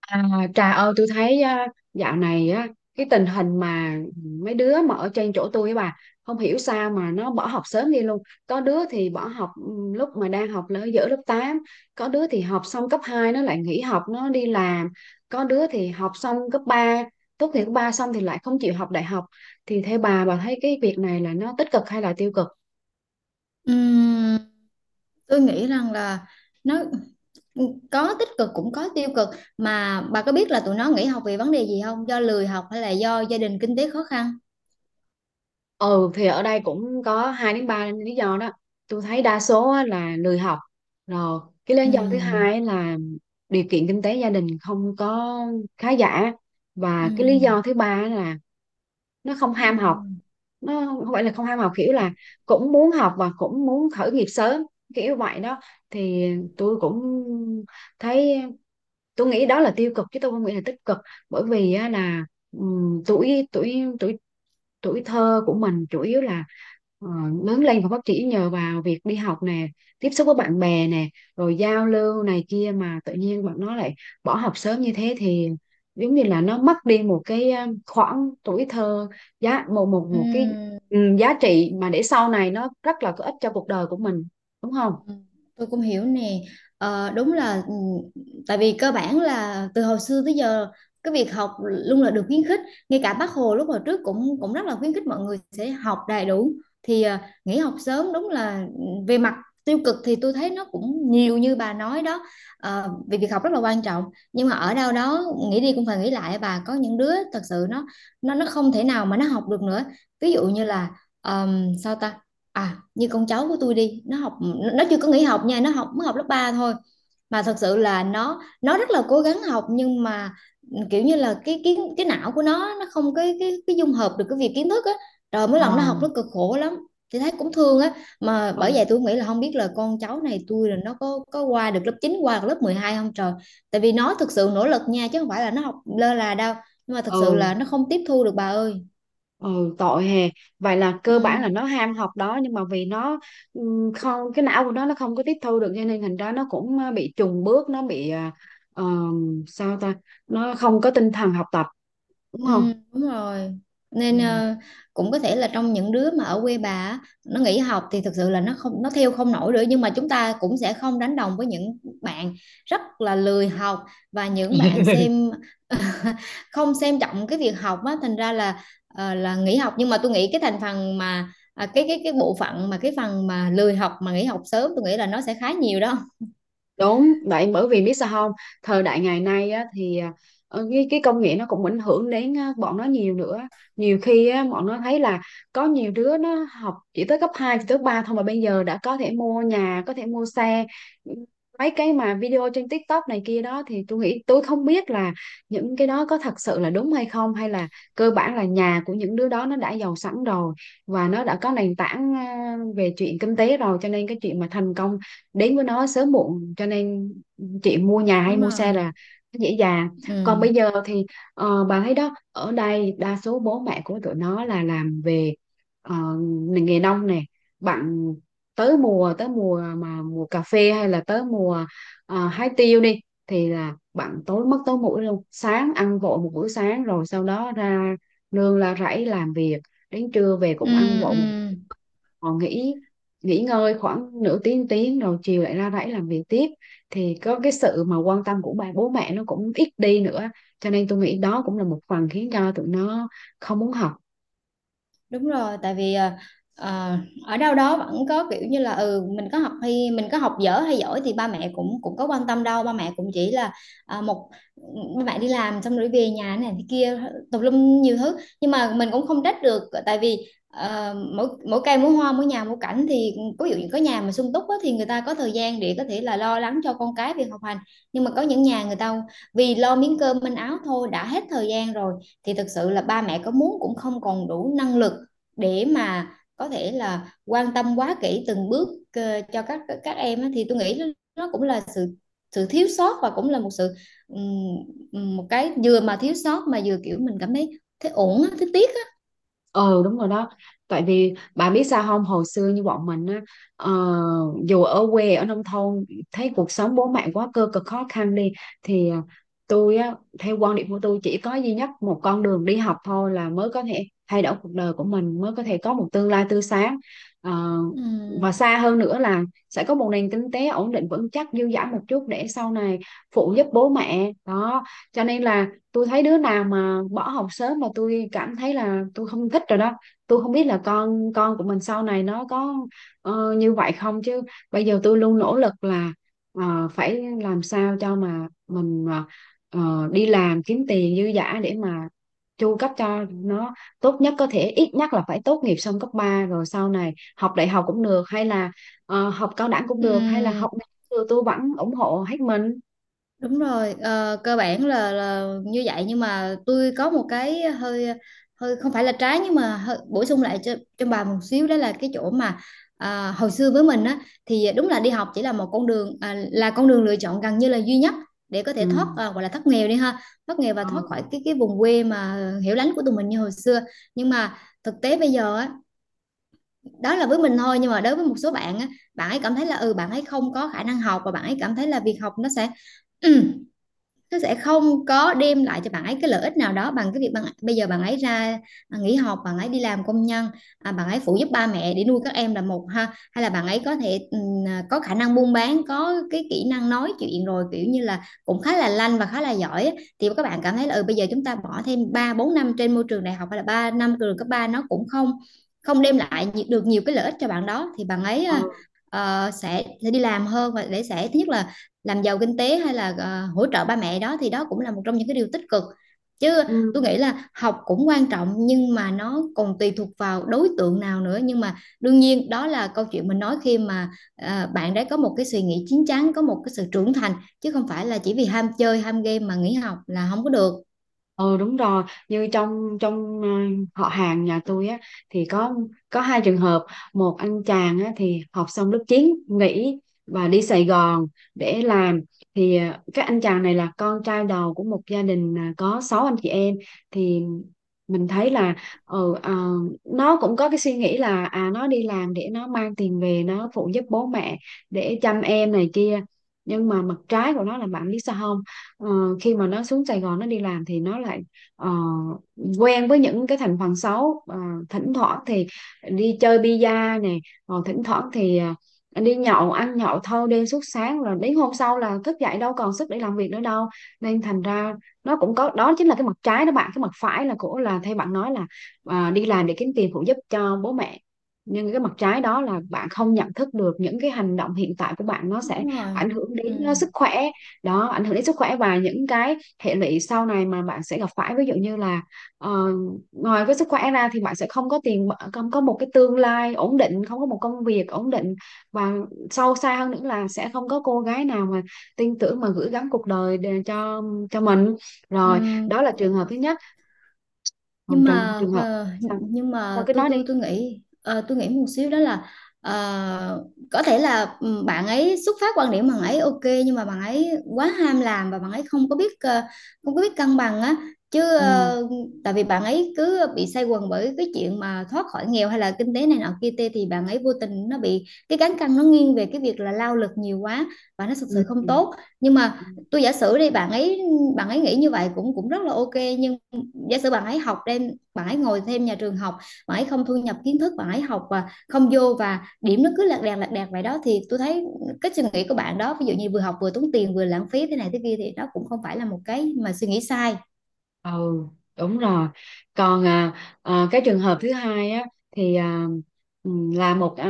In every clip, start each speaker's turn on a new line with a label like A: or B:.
A: À, Trà ơi tôi thấy á, dạo này á, cái tình hình mà mấy đứa mà ở trên chỗ tôi á, bà không hiểu sao mà nó bỏ học sớm đi luôn. Có đứa thì bỏ học, lúc mà đang học là giữa lớp tám, có đứa thì học xong cấp 2 nó lại nghỉ học nó đi làm, có đứa thì học xong cấp ba, tốt nghiệp cấp 3 xong thì lại không chịu học đại học. Thì theo bà thấy cái việc này là nó tích cực hay là tiêu cực?
B: Ừm, tôi nghĩ rằng là nó có tích cực cũng có tiêu cực, mà bà có biết là tụi nó nghỉ học vì vấn đề gì không? Do lười học hay là do gia đình kinh tế khó khăn?
A: Ừ thì ở đây cũng có hai đến ba lý do đó. Tôi thấy đa số á là lười học, rồi cái lý do thứ
B: Ừm,
A: hai á là điều kiện kinh tế gia đình không có khá giả, và cái lý
B: ừm,
A: do thứ ba á là nó không
B: ừm,
A: ham học.
B: ừm,
A: Nó không phải là không ham học, kiểu là cũng muốn học và cũng muốn khởi nghiệp sớm, kiểu vậy đó. Thì tôi cũng thấy, tôi nghĩ đó là tiêu cực chứ tôi không nghĩ là tích cực. Bởi vì á, là tuổi tuổi tuổi tuổi thơ của mình chủ yếu là ờ, lớn lên và phát triển nhờ vào việc đi học nè, tiếp xúc với bạn bè nè, rồi giao lưu này kia, mà tự nhiên bạn nó lại bỏ học sớm như thế thì giống như là nó mất đi một cái khoảng tuổi thơ, giá một một một cái,
B: ừm.
A: giá trị mà để sau này nó rất là có ích cho cuộc đời của mình, đúng không?
B: Ừ, tôi cũng hiểu nè. Ờ, đúng là tại vì cơ bản là từ hồi xưa tới giờ, cái việc học luôn là được khuyến khích, ngay cả bác Hồ lúc hồi trước cũng cũng rất là khuyến khích mọi người sẽ học đầy đủ. Thì nghỉ học sớm đúng là về mặt tiêu cực thì tôi thấy nó cũng nhiều như bà nói đó. Ờ, vì việc học rất là quan trọng, nhưng mà ở đâu đó nghĩ đi cũng phải nghĩ lại bà, có những đứa thật sự nó nó không thể nào mà nó học được nữa. Ví dụ như là sao ta, à như con cháu của tôi đi, nó học nó chưa có nghỉ học nha, nó học mới học lớp 3 thôi, mà thật sự là nó rất là cố gắng học, nhưng mà kiểu như là cái não của nó không cái cái dung hợp được cái việc kiến thức á, rồi mỗi
A: Ờ.
B: lần nó học nó cực khổ lắm. Thì thấy cũng thương á, mà
A: Ừ.
B: bởi vậy tôi nghĩ là không biết là con cháu này tôi là nó có qua được lớp chín, qua được lớp 12 không trời. Tại vì nó thực sự nỗ lực nha, chứ không phải là nó học lơ là đâu, nhưng mà thật sự
A: Ừ.
B: là nó không tiếp thu được bà ơi.
A: Ừ, tội hè. Vậy là
B: Ừ.
A: cơ bản là nó ham học đó nhưng mà vì nó không, cái não của nó không có tiếp thu được, cho nên thành ra nó cũng bị chùng bước, nó bị sao ta, nó không có tinh thần học tập, đúng không?
B: Ừ, đúng rồi.
A: Ừ.
B: Nên cũng có thể là trong những đứa mà ở quê bà á, nó nghỉ học thì thực sự là nó không, nó theo không nổi nữa, nhưng mà chúng ta cũng sẽ không đánh đồng với những bạn rất là lười học và những bạn xem không xem trọng cái việc học á, thành ra là là nghỉ học. Nhưng mà tôi nghĩ cái thành phần mà cái bộ phận mà cái phần mà lười học mà nghỉ học sớm, tôi nghĩ là nó sẽ khá nhiều đó.
A: Đúng vậy, bởi vì biết sao không, thời đại ngày nay á, thì cái công nghệ nó cũng ảnh hưởng đến bọn nó nhiều nữa. Nhiều khi á, bọn nó thấy là có nhiều đứa nó học chỉ tới cấp 2, chỉ tới cấp 3 thôi mà bây giờ đã có thể mua nhà, có thể mua xe, mấy cái mà video trên TikTok này kia đó, thì tôi nghĩ, tôi không biết là những cái đó có thật sự là đúng hay không, hay là cơ bản là nhà của những đứa đó nó đã giàu sẵn rồi và nó đã có nền tảng về chuyện kinh tế rồi, cho nên cái chuyện mà thành công đến với nó sớm muộn, cho nên chị mua nhà hay
B: Đúng
A: mua xe
B: rồi.
A: là dễ dàng. Còn
B: ừ
A: bây giờ thì bà thấy đó, ở đây đa số bố mẹ của tụi nó là làm về ngành nghề nông nè, bạn, tới mùa, tới mùa mà mùa cà phê hay là tới mùa hái tiêu đi, thì là bạn tối mất tối mũi luôn, sáng ăn vội một bữa sáng rồi sau đó ra nương la rẫy làm việc, đến trưa về
B: ừ
A: cũng ăn vội
B: ừ
A: một, họ nghỉ, nghỉ ngơi khoảng nửa tiếng tiếng rồi chiều lại ra rẫy làm việc tiếp. Thì có cái sự mà quan tâm của bà bố mẹ nó cũng ít đi nữa, cho nên tôi nghĩ đó cũng là một phần khiến cho tụi nó không muốn học.
B: Đúng rồi, tại vì à, ở đâu đó vẫn có kiểu như là ừ, mình có học hay mình có học dở hay giỏi thì ba mẹ cũng cũng có quan tâm đâu, ba mẹ cũng chỉ là à, một ba mẹ đi làm xong rồi về nhà này thế kia, tùm lum nhiều thứ. Nhưng mà mình cũng không trách được, tại vì mỗi mỗi cây mỗi hoa, mỗi nhà mỗi cảnh. Thì ví dụ như có nhà mà sung túc á, thì người ta có thời gian để có thể là lo lắng cho con cái việc học hành. Nhưng mà có những nhà người ta vì lo miếng cơm manh áo thôi đã hết thời gian rồi, thì thực sự là ba mẹ có muốn cũng không còn đủ năng lực để mà có thể là quan tâm quá kỹ từng bước cho các em á. Thì tôi nghĩ nó cũng là sự, sự thiếu sót, và cũng là một sự ừm, một cái vừa mà thiếu sót mà vừa kiểu mình cảm thấy thấy uổng á, thấy tiếc á.
A: Ừ, đúng rồi đó. Tại vì bà biết sao không, hồi xưa như bọn mình á, ờ, dù ở quê ở nông thôn, thấy cuộc sống bố mẹ quá cơ cực khó khăn đi, thì tôi á, theo quan điểm của tôi chỉ có duy nhất một con đường đi học thôi là mới có thể thay đổi cuộc đời của mình, mới có thể có một tương lai tươi sáng. Ờ. Và
B: Ừm,
A: xa hơn nữa là sẽ có một nền kinh tế ổn định vững chắc, dư dả một chút để sau này phụ giúp bố mẹ đó, cho nên là tôi thấy đứa nào mà bỏ học sớm mà tôi cảm thấy là tôi không thích rồi đó. Tôi không biết là con của mình sau này nó có như vậy không chứ. Bây giờ tôi luôn nỗ lực là phải làm sao cho mà mình đi làm kiếm tiền dư dả để mà chu cấp cho nó tốt nhất có thể, ít nhất là phải tốt nghiệp xong cấp ba, rồi sau này học đại học cũng được, hay là học cao đẳng cũng được, hay là
B: ừm.
A: học nào cũng được, tôi vẫn ủng hộ hết mình.
B: Đúng rồi, ờ, cơ bản là như vậy, nhưng mà tôi có một cái hơi, hơi không phải là trái, nhưng mà hơi bổ sung lại cho bà một xíu, đó là cái chỗ mà hồi xưa với mình á, thì đúng là đi học chỉ là một con đường, là con đường lựa chọn gần như là duy nhất để có
A: Ừ.
B: thể thoát, gọi là thoát nghèo đi ha, thoát nghèo và
A: Ừ.
B: thoát khỏi cái vùng quê mà hiểu lánh của tụi mình như hồi xưa. Nhưng mà thực tế bây giờ á, đó là với mình thôi, nhưng mà đối với một số bạn á, bạn ấy cảm thấy là ừ, bạn ấy không có khả năng học, và bạn ấy cảm thấy là việc học nó sẽ nó sẽ không có đem lại cho bạn ấy cái lợi ích nào đó bằng cái việc bây giờ bạn ấy ra nghỉ học, bạn ấy đi làm công nhân, bạn ấy phụ giúp ba mẹ để nuôi các em là một ha, hay là bạn ấy có thể có khả năng buôn bán, có cái kỹ năng nói chuyện, rồi kiểu như là cũng khá là lanh và khá là giỏi. Thì các bạn cảm thấy là ừ, bây giờ chúng ta bỏ thêm 3 4 năm trên môi trường đại học, hay là 3 năm trường cấp ba, nó cũng không không đem lại được nhiều cái lợi ích cho bạn đó, thì bạn ấy
A: Ừ.
B: sẽ đi làm hơn, và để sẽ thứ nhất là làm giàu kinh tế, hay là hỗ trợ ba mẹ đó, thì đó cũng là một trong những cái điều tích cực chứ.
A: Ừ.
B: Tôi nghĩ là học cũng quan trọng, nhưng mà nó còn tùy thuộc vào đối tượng nào nữa. Nhưng mà đương nhiên đó là câu chuyện mình nói khi mà bạn đấy có một cái suy nghĩ chín chắn, có một cái sự trưởng thành, chứ không phải là chỉ vì ham chơi ham game mà nghỉ học là không có được.
A: Ừ, đúng rồi. Như trong trong họ hàng nhà tôi á thì có hai trường hợp. Một anh chàng á thì học xong lớp 9 nghỉ và đi Sài Gòn để làm. Thì cái anh chàng này là con trai đầu của một gia đình, có 6 anh chị em. Thì mình thấy là ừ, ờ, nó cũng có cái suy nghĩ là, à, nó đi làm để nó mang tiền về nó phụ giúp bố mẹ, để chăm em này kia. Nhưng mà mặt trái của nó là bạn biết sao không, ờ, khi mà nó xuống Sài Gòn nó đi làm thì nó lại ờ, quen với những cái thành phần xấu. Ờ, thỉnh thoảng thì đi chơi bida nè, rồi thỉnh thoảng thì đi nhậu, ăn nhậu thâu đêm suốt sáng rồi đến hôm sau là thức dậy đâu còn sức để làm việc nữa đâu, nên thành ra nó cũng có, đó chính là cái mặt trái đó bạn. Cái mặt phải là, của là, theo bạn nói là đi làm để kiếm tiền phụ giúp cho bố mẹ, nhưng cái mặt trái đó là bạn không nhận thức được những cái hành động hiện tại của bạn nó sẽ
B: Đúng rồi.
A: ảnh hưởng
B: Ừ.
A: đến sức khỏe. Đó, ảnh hưởng đến sức khỏe và những cái hệ lụy sau này mà bạn sẽ gặp phải. Ví dụ như là ờ, ngoài cái sức khỏe ra thì bạn sẽ không có tiền, không có một cái tương lai ổn định, không có một công việc ổn định, và sâu xa hơn nữa là sẽ không có cô gái nào mà tin tưởng mà gửi gắm cuộc đời để cho mình,
B: Ừ.
A: rồi. Đó là trường hợp thứ nhất, còn
B: Nhưng
A: trường
B: mà
A: trường hợp, sao
B: nhưng
A: sao
B: mà
A: cứ
B: tôi
A: nói
B: tôi
A: đi.
B: tôi nghĩ, tôi nghĩ một xíu đó là ờ, có thể là ừ, bạn ấy xuất phát quan điểm bạn ấy ok, nhưng mà bạn ấy quá ham làm, và bạn ấy không có biết không có biết cân bằng á, chứ
A: Ừ.
B: tại vì bạn ấy cứ bị say quần bởi cái chuyện mà thoát khỏi nghèo hay là kinh tế này nọ kia tê, thì bạn ấy vô tình nó bị cái cán cân nó nghiêng về cái việc là lao lực nhiều quá, và nó thực sự không tốt. Nhưng
A: Ừ.
B: mà tôi giả sử đi, bạn ấy nghĩ như vậy cũng cũng rất là ok, nhưng giả sử bạn ấy học đem, bạn ấy ngồi thêm nhà trường học, bạn ấy không thu nhập kiến thức, bạn ấy học và không vô, và điểm nó cứ lạc đàn vậy đó, thì tôi thấy cái suy nghĩ của bạn đó, ví dụ như vừa học vừa tốn tiền vừa lãng phí thế này thế kia, thì đó cũng không phải là một cái mà suy nghĩ sai.
A: Ừ, đúng rồi. Còn cái trường hợp thứ hai á thì là một,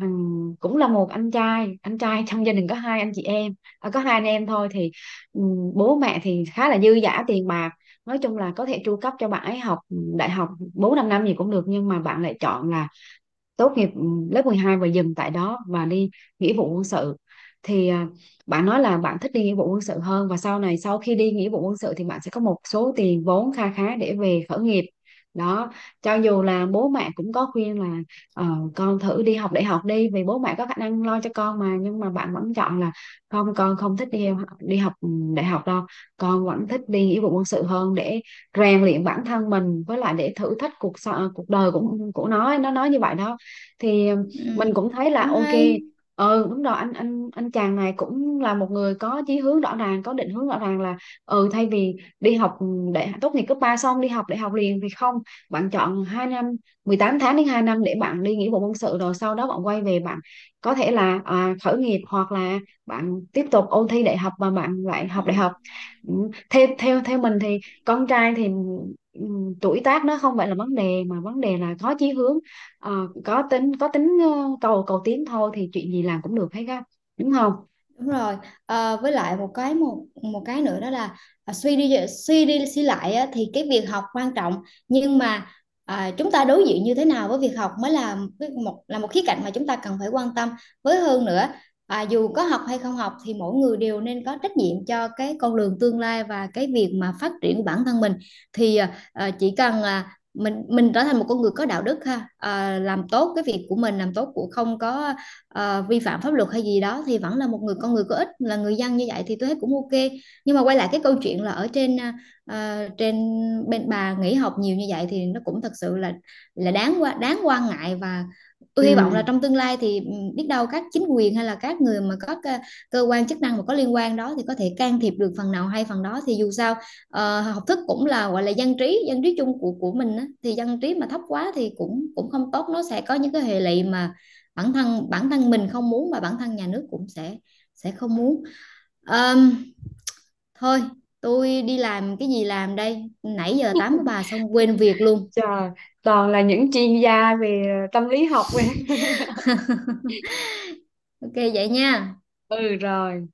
A: cũng là một anh trai, trong gia đình có hai anh chị em, có hai anh em thôi. Thì ừ, bố mẹ thì khá là dư dả tiền bạc, nói chung là có thể tru cấp cho bạn ấy học đại học bốn năm năm gì cũng được, nhưng mà bạn lại chọn là tốt nghiệp, lớp 12, và dừng tại đó và đi nghĩa vụ quân sự. Thì bạn nói là bạn thích đi nghĩa vụ quân sự hơn, và sau này sau khi đi nghĩa vụ quân sự thì bạn sẽ có một số tiền vốn kha khá để về khởi nghiệp. Đó. Cho dù là bố mẹ cũng có khuyên là ờ, con thử đi học đại học đi vì bố mẹ có khả năng lo cho con mà, nhưng mà bạn vẫn chọn là không, con không thích đi đi học đại học đâu, con vẫn thích đi nghĩa vụ quân sự hơn để rèn luyện bản thân mình, với lại để thử thách cuộc đời của nó nói như vậy đó. Thì
B: Ừm,
A: mình cũng thấy là
B: cũng
A: ok.
B: hay.
A: Ừ, đúng rồi, anh chàng này cũng là một người có chí hướng rõ ràng, có định hướng rõ ràng là, ừ, thay vì đi học để tốt nghiệp cấp 3 xong đi học đại học liền thì không, bạn chọn 2 năm, 18 tháng đến 2 năm, để bạn đi nghĩa vụ quân sự rồi sau đó bạn quay về, bạn có thể là khởi nghiệp, hoặc là bạn tiếp tục ôn thi đại học và bạn lại học đại học. Ừ, theo theo theo mình thì con trai thì ừ, tuổi tác nó không phải là vấn đề, mà vấn đề là có chí hướng. Ờ, có tính cầu cầu tiến thôi, thì chuyện gì làm cũng được hết á, đúng không?
B: Đúng rồi. Ờ, với lại một cái một một cái nữa đó là à, suy đi suy đi suy lại á, thì cái việc học quan trọng, nhưng mà chúng ta đối diện như thế nào với việc học mới là cái- một là một khía cạnh mà chúng ta cần phải quan tâm. Với hơn nữa dù có học hay không học thì mỗi người đều nên có trách nhiệm cho cái con đường tương lai và cái việc mà phát triển của bản thân mình. Thì chỉ cần mình trở thành một con người có đạo đức ha, làm tốt cái việc của mình, làm tốt của không có vi phạm pháp luật hay gì đó, thì vẫn là một người con người có ích, là người dân như vậy, thì tôi thấy cũng ok. Nhưng mà quay lại cái câu chuyện là ở trên, trên bên bà nghỉ học nhiều như vậy, thì nó cũng thật sự là đáng quan ngại, và tôi hy vọng là
A: Ừ.
B: trong tương lai thì ừ, biết đâu các chính quyền hay là các người mà có cơ quan chức năng mà có liên quan đó, thì có thể can thiệp được phần nào hay phần đó. Thì dù sao học thức cũng là gọi là dân trí, dân trí chung của mình á. Thì dân trí mà thấp quá thì cũng cũng không tốt, nó sẽ có những cái hệ lụy mà bản thân mình không muốn, và bản thân nhà nước cũng sẽ không muốn. Ờm, thôi, tôi đi làm, cái gì làm đây, nãy giờ tám của bà xong quên việc luôn.
A: Trời, toàn là những chuyên gia về tâm lý học.
B: Ok vậy nha.
A: Ừ rồi.